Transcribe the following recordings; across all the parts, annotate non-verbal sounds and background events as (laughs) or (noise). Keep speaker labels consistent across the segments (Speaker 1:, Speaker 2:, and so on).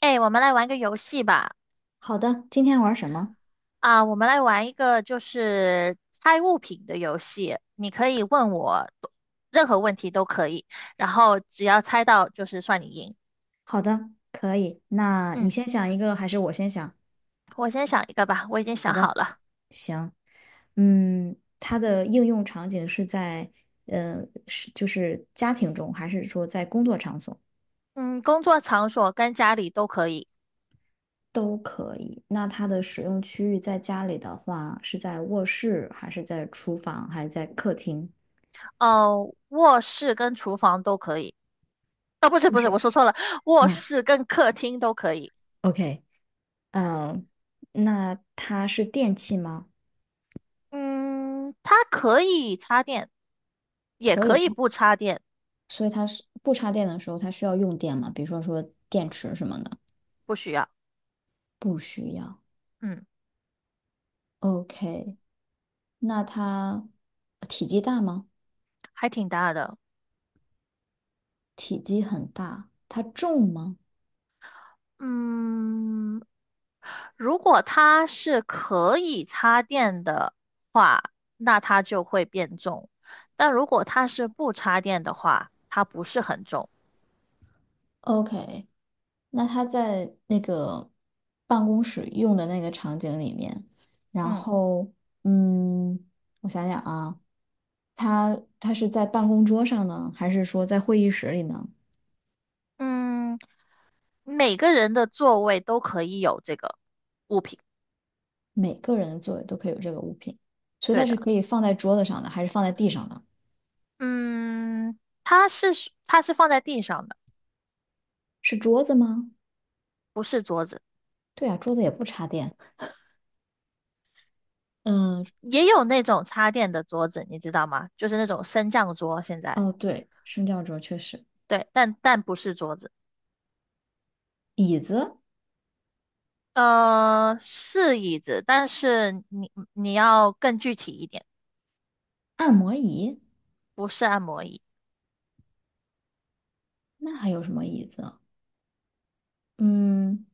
Speaker 1: 哎，我们来玩个游戏吧。
Speaker 2: 好的，今天玩什么？
Speaker 1: 我们来玩一个就是猜物品的游戏。你可以问我多任何问题都可以，然后只要猜到就是算你赢。
Speaker 2: 好的，可以。那你
Speaker 1: 嗯，
Speaker 2: 先想一个，还是我先想？
Speaker 1: 我先想一个吧，我已经想
Speaker 2: 好
Speaker 1: 好
Speaker 2: 的，
Speaker 1: 了。
Speaker 2: 行。嗯，它的应用场景是在，呃，是家庭中，还是说在工作场所
Speaker 1: 嗯，工作场所跟家里都可以。
Speaker 2: 都可以？那它的使用区域在家里的话，是在卧室，还是在厨房，还是在客厅？
Speaker 1: 哦，卧室跟厨房都可以。哦，不是
Speaker 2: 不
Speaker 1: 不是，
Speaker 2: 是。
Speaker 1: 我说错了，卧
Speaker 2: 嗯
Speaker 1: 室跟客厅都可以。
Speaker 2: ，OK，嗯，那它是电器吗？
Speaker 1: 嗯，它可以插电，也
Speaker 2: 可以
Speaker 1: 可以
Speaker 2: 尝。
Speaker 1: 不插电。
Speaker 2: 所以它是不插电的时候，它需要用电吗？比如说电池什么的，
Speaker 1: 不需要。
Speaker 2: 不需要。
Speaker 1: 嗯，
Speaker 2: OK，那它体积大吗？
Speaker 1: 还挺大的。
Speaker 2: 体积很大，它重吗
Speaker 1: 嗯，如果它是可以插电的话，那它就会变重；但如果它是不插电的话，它不是很重。
Speaker 2: ？OK，那它在那个办公室用的那个场景里面，然
Speaker 1: 嗯
Speaker 2: 后嗯，我想想啊，它是在办公桌上呢，还是说在会议室里呢？
Speaker 1: 嗯，每个人的座位都可以有这个物品。
Speaker 2: 每个人的座位都可以有这个物品，所以
Speaker 1: 对
Speaker 2: 它是
Speaker 1: 的。
Speaker 2: 可以放在桌子上的，还是放在地上的？
Speaker 1: 嗯，它是放在地上的。
Speaker 2: 是桌子吗？
Speaker 1: 不是桌子。
Speaker 2: 对啊，桌子也不插电。嗯，
Speaker 1: 也有那种插电的桌子，你知道吗？就是那种升降桌，现在
Speaker 2: 哦，对，升降桌确实，
Speaker 1: 对，但不是桌子。
Speaker 2: 椅子、
Speaker 1: 是椅子，但是你要更具体一点。
Speaker 2: 按摩椅，
Speaker 1: 不是按摩椅。
Speaker 2: 那还有什么椅子啊？嗯，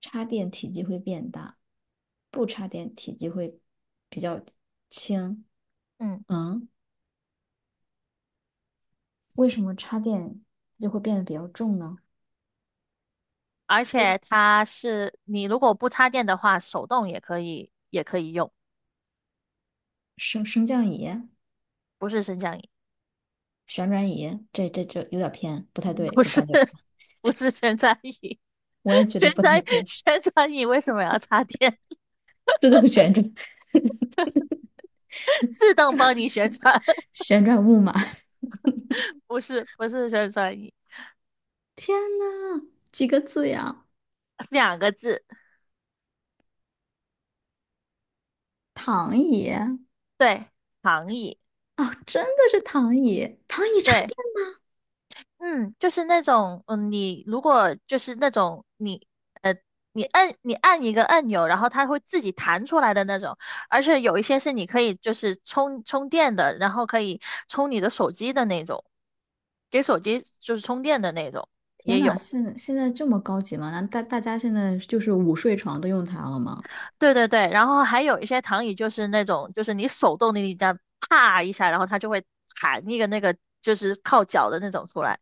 Speaker 2: 插电体积会变大，不插电体积会比较轻。
Speaker 1: 嗯，
Speaker 2: 嗯，为什么插电就会变得比较重呢？
Speaker 1: 而且它是你如果不插电的话，手动也可以，也可以用。
Speaker 2: 升降椅、
Speaker 1: 不是升降椅。
Speaker 2: 旋转椅，这有点偏，不太
Speaker 1: (laughs)
Speaker 2: 对，
Speaker 1: 不
Speaker 2: 我
Speaker 1: 是
Speaker 2: 感觉，
Speaker 1: 不是旋转椅。
Speaker 2: 我也
Speaker 1: (laughs)
Speaker 2: 觉得
Speaker 1: 旋
Speaker 2: 不太
Speaker 1: 转
Speaker 2: 对。
Speaker 1: 旋转椅为什么要插电？
Speaker 2: 自动旋转，
Speaker 1: (laughs) 自动帮你旋转。
Speaker 2: (laughs)
Speaker 1: (laughs)
Speaker 2: 旋转木马。
Speaker 1: 不是旋转椅。
Speaker 2: 天呐，几个字呀？
Speaker 1: 两个字。
Speaker 2: 躺椅
Speaker 1: 对，躺椅，
Speaker 2: 哦，真的是躺椅，躺椅插
Speaker 1: 对。
Speaker 2: 电。
Speaker 1: 嗯，就是那种。嗯，你如果就是那种你，呃，你按一个按钮，然后它会自己弹出来的那种。而且有一些是你可以就是充电的，然后可以充你的手机的那种，给手机就是充电的那种
Speaker 2: 天
Speaker 1: 也
Speaker 2: 呐，
Speaker 1: 有。
Speaker 2: 现在这么高级吗？那大家现在就是午睡床都用它了吗？
Speaker 1: 对，然后还有一些躺椅就是那种，就是你手动的，你这样啪一下，然后它就会弹一个那个就是靠脚的那种出来。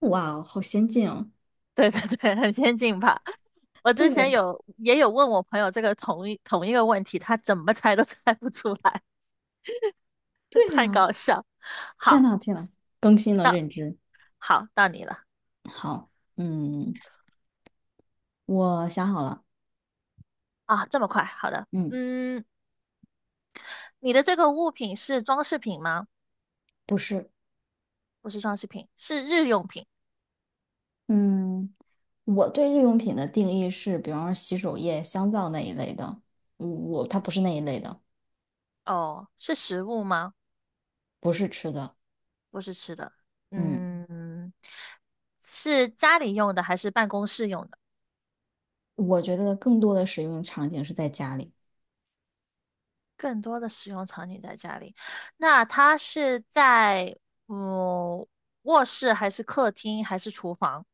Speaker 2: 哇哦，好先进哦！
Speaker 1: 对 (laughs) 对，很先进吧？我之前
Speaker 2: 对，
Speaker 1: 有也有问我朋友这个同一个问题，他怎么猜都猜不出来。(laughs)
Speaker 2: 对
Speaker 1: 太
Speaker 2: 呀，
Speaker 1: 搞笑。
Speaker 2: 天
Speaker 1: 好。
Speaker 2: 呐天呐，更新了认知。
Speaker 1: 好，到你了。
Speaker 2: 好，嗯，我想好了，
Speaker 1: 啊，这么快，好的。
Speaker 2: 嗯，
Speaker 1: 嗯，你的这个物品是装饰品吗？
Speaker 2: 不是，
Speaker 1: 不是装饰品，是日用品。
Speaker 2: 嗯，我对日用品的定义是，比方说洗手液、香皂那一类的，我它不是那一类的，
Speaker 1: 哦，是食物吗？
Speaker 2: 不是吃的，
Speaker 1: 不是吃的。
Speaker 2: 嗯。
Speaker 1: 嗯，是家里用的还是办公室用的？
Speaker 2: 我觉得更多的使用场景是在家里，
Speaker 1: 更多的使用场景在家里，那它是在嗯卧室还是客厅还是厨房？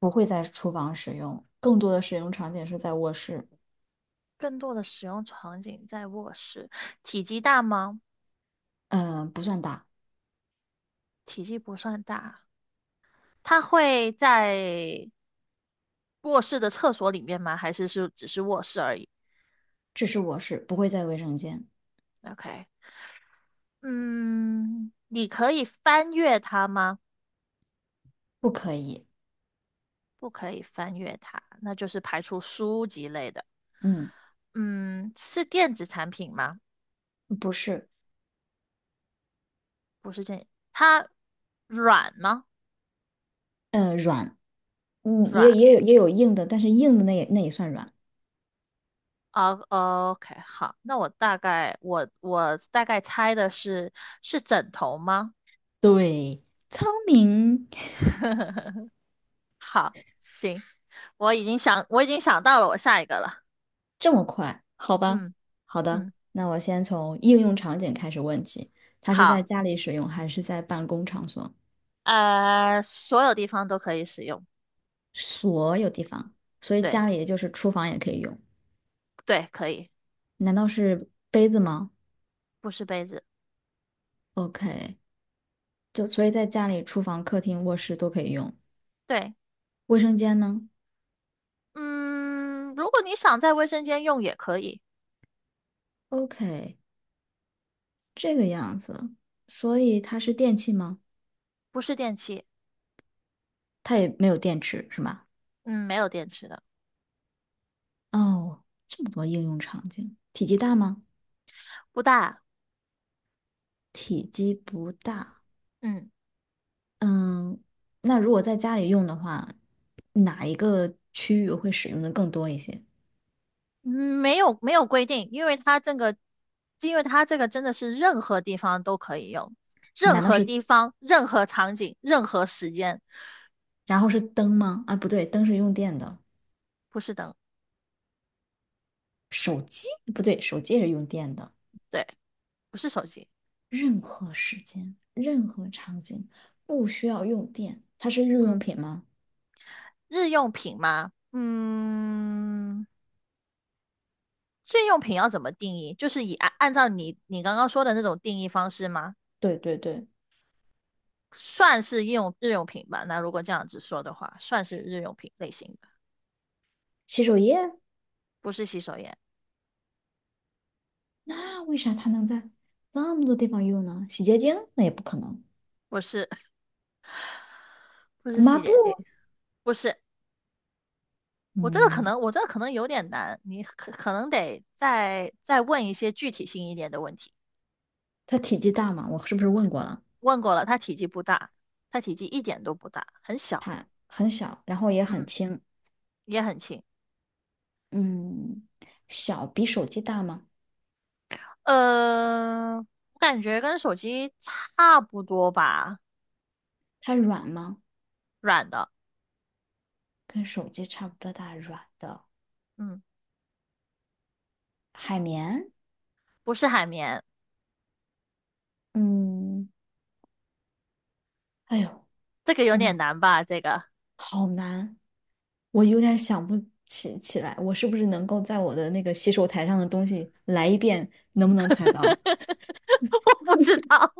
Speaker 2: 不会在厨房使用，更多的使用场景是在卧室，
Speaker 1: 更多的使用场景在卧室，体积大吗？
Speaker 2: 嗯，不算大，
Speaker 1: 体积不算大，它会在卧室的厕所里面吗？还是只是卧室而已
Speaker 2: 只是卧室，不会在卫生间，
Speaker 1: ？OK。嗯，你可以翻阅它吗？
Speaker 2: 不可以，
Speaker 1: 不可以翻阅它，那就是排除书籍类的。
Speaker 2: 嗯，
Speaker 1: 嗯，是电子产品吗？
Speaker 2: 不是，
Speaker 1: 不是，它软吗？
Speaker 2: 嗯，软，嗯，也
Speaker 1: 软
Speaker 2: 也有也有硬的，但是硬的那也算软，
Speaker 1: 啊，OK。好，那我大概猜的是，是枕头吗？
Speaker 2: 对，聪明，
Speaker 1: (laughs) 好，行，我已经想到了我下一个了。
Speaker 2: 这么快，好吧，
Speaker 1: 嗯。
Speaker 2: 好的。
Speaker 1: 嗯，
Speaker 2: 那我先从应用场景开始问起，它是在
Speaker 1: 好，
Speaker 2: 家里使用还是在办公场所？
Speaker 1: 所有地方都可以使用。
Speaker 2: 所有地方，所以
Speaker 1: 对
Speaker 2: 家里也就是厨房也可以用。
Speaker 1: 对，可以。
Speaker 2: 难道是杯子吗
Speaker 1: 不是杯子。
Speaker 2: ？OK，就所以在家里，厨房、客厅、卧室都可以用。
Speaker 1: 对。
Speaker 2: 卫生间呢
Speaker 1: 嗯，如果你想在卫生间用也可以。
Speaker 2: ？OK，这个样子，所以它是电器吗？
Speaker 1: 不是电器。
Speaker 2: 它也没有电池是吗？
Speaker 1: 嗯，没有电池的。
Speaker 2: 哦，这么多应用场景，体积大吗？
Speaker 1: 不大。
Speaker 2: 体积不大。
Speaker 1: 嗯。
Speaker 2: 嗯，那如果在家里用的话，哪一个区域会使用的更多一些？
Speaker 1: 嗯，没有没有规定，因为它这个，因为它这个真的是任何地方都可以用，任何地方、任何场景、任何时间。
Speaker 2: 然后是灯吗？啊，不对，灯是用电的。
Speaker 1: 不是灯。
Speaker 2: 手机？不对，手机也是用电的。
Speaker 1: 对，不是手机。
Speaker 2: 任何时间、任何场景不需要用电，它是日用
Speaker 1: 嗯，
Speaker 2: 品吗？
Speaker 1: 日用品吗？嗯，日用品要怎么定义？就是以按照你刚刚说的那种定义方式吗？
Speaker 2: 对对对，
Speaker 1: 算是日用品吧。那如果这样子说的话，算是日用品类型的。
Speaker 2: 洗手液，
Speaker 1: 不是洗手液。
Speaker 2: 那为啥它能在那么多地方用呢？洗洁精那也不可能，
Speaker 1: 不是。 (laughs) 不是
Speaker 2: 抹
Speaker 1: 洗
Speaker 2: 布，
Speaker 1: 洁精。不是。我这个可
Speaker 2: 嗯，
Speaker 1: 能，我这个可能有点难，你可能得再问一些具体性一点的问题。
Speaker 2: 它体积大吗？我是不是问过了？
Speaker 1: 问过了，它体积不大，它体积一点都不大，很小。
Speaker 2: 它很小，然后也很
Speaker 1: 嗯，
Speaker 2: 轻，
Speaker 1: 也很轻。
Speaker 2: 嗯，小比手机大吗？
Speaker 1: 我感觉跟手机差不多吧。
Speaker 2: 它软吗？
Speaker 1: 软的。
Speaker 2: 跟手机差不多大，软的
Speaker 1: 嗯，
Speaker 2: 海绵，
Speaker 1: 不是海绵。
Speaker 2: 嗯，哎呦。
Speaker 1: 这个有
Speaker 2: 天
Speaker 1: 点
Speaker 2: 呐！
Speaker 1: 难吧？这个
Speaker 2: 好难，我有点想不起来，我是不是能够在我的那个洗手台上的东西来一遍，能不能
Speaker 1: (laughs)
Speaker 2: 猜到？
Speaker 1: 我不知道。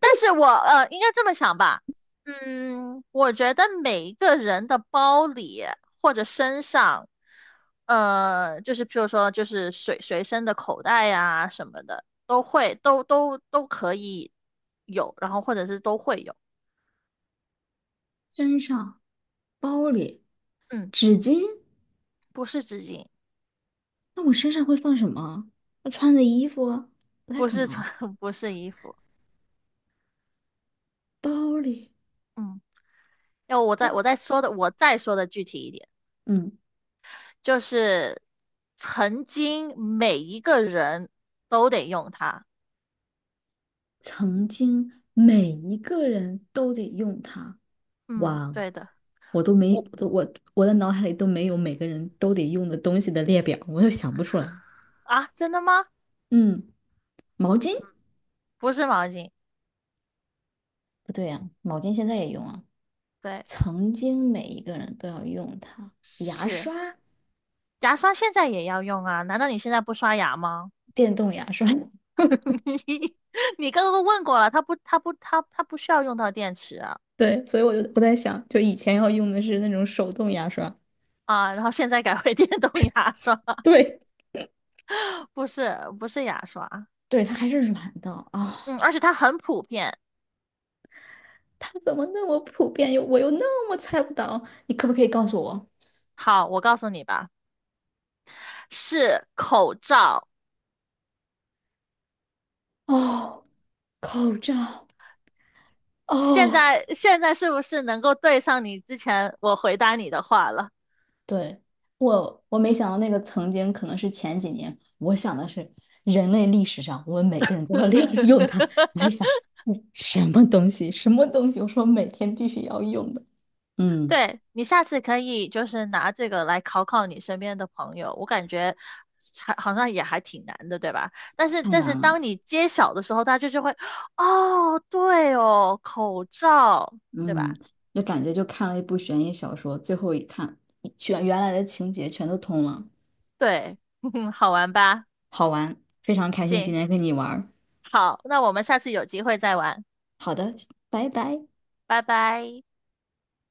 Speaker 1: 但是我，应该这么想吧。嗯，我觉得每一个人的包里或者身上，就是譬如说，就是随身的口袋呀、什么的，都会都都都可以有，然后或者是都会有。
Speaker 2: 身上、包里、
Speaker 1: 嗯，
Speaker 2: 纸巾，
Speaker 1: 不是纸巾。
Speaker 2: 那我身上会放什么？我穿的衣服不太
Speaker 1: 不
Speaker 2: 可
Speaker 1: 是
Speaker 2: 能
Speaker 1: 穿。
Speaker 2: 啊，
Speaker 1: (laughs) 不是衣服。
Speaker 2: 包里，
Speaker 1: 嗯，要我再
Speaker 2: 包，
Speaker 1: 我再说的，我再说的具体一点。
Speaker 2: 嗯，
Speaker 1: 就是曾经每一个人都得用它。
Speaker 2: 曾经每一个人都得用它。
Speaker 1: 嗯，
Speaker 2: 哇，
Speaker 1: 对的。
Speaker 2: 我都没，
Speaker 1: 我。
Speaker 2: 我都我我的脑海里都没有每个人都得用的东西的列表，我又想不出来。
Speaker 1: 啊，真的吗？
Speaker 2: 嗯，毛巾。
Speaker 1: 不是毛巾。
Speaker 2: 不对呀、毛巾现在也用啊。
Speaker 1: 对，
Speaker 2: 曾经每一个人都要用它。牙
Speaker 1: 是
Speaker 2: 刷，
Speaker 1: 牙刷现在也要用啊？难道你现在不刷牙吗？
Speaker 2: 电动牙刷。(laughs)
Speaker 1: (laughs) 你你刚刚都问过了，它它不需要用到电池啊。
Speaker 2: 对，所以我在想，就以前要用的是那种手动牙刷，
Speaker 1: 啊，然后现在改为电动牙刷。
Speaker 2: 对，
Speaker 1: (laughs) 不是牙刷。
Speaker 2: 对，它还是软的啊、
Speaker 1: 嗯，而且它很普遍。
Speaker 2: 它怎么那么普遍，我那么猜不到？你可不可以告诉我？
Speaker 1: 好，我告诉你吧，是口罩。
Speaker 2: 哦，口罩，
Speaker 1: 现
Speaker 2: 哦，
Speaker 1: 在现在是不是能够对上你之前我回答你的话了？
Speaker 2: 对，我我没想到那个曾经可能是前几年，我想的是人类历史上我们每个人都要利用 (laughs) 它，我还
Speaker 1: (laughs)
Speaker 2: 想嗯什么东西什么东西，我说每天必须要用的，嗯，
Speaker 1: 对，你下次可以就是拿这个来考考你身边的朋友，我感觉还好像也还挺难的，对吧？但是
Speaker 2: 太
Speaker 1: 但是
Speaker 2: 难了，
Speaker 1: 当你揭晓的时候，大家就会，哦，对哦，口罩，对
Speaker 2: 嗯，
Speaker 1: 吧？
Speaker 2: 就感觉就看了一部悬疑小说，最后一看全原来的情节全都通了，
Speaker 1: 对。(laughs) 好玩吧？
Speaker 2: 好玩，非常开心今
Speaker 1: 行。
Speaker 2: 天跟你玩儿，
Speaker 1: 好，那我们下次有机会再玩。
Speaker 2: 好的，拜拜。
Speaker 1: 拜拜。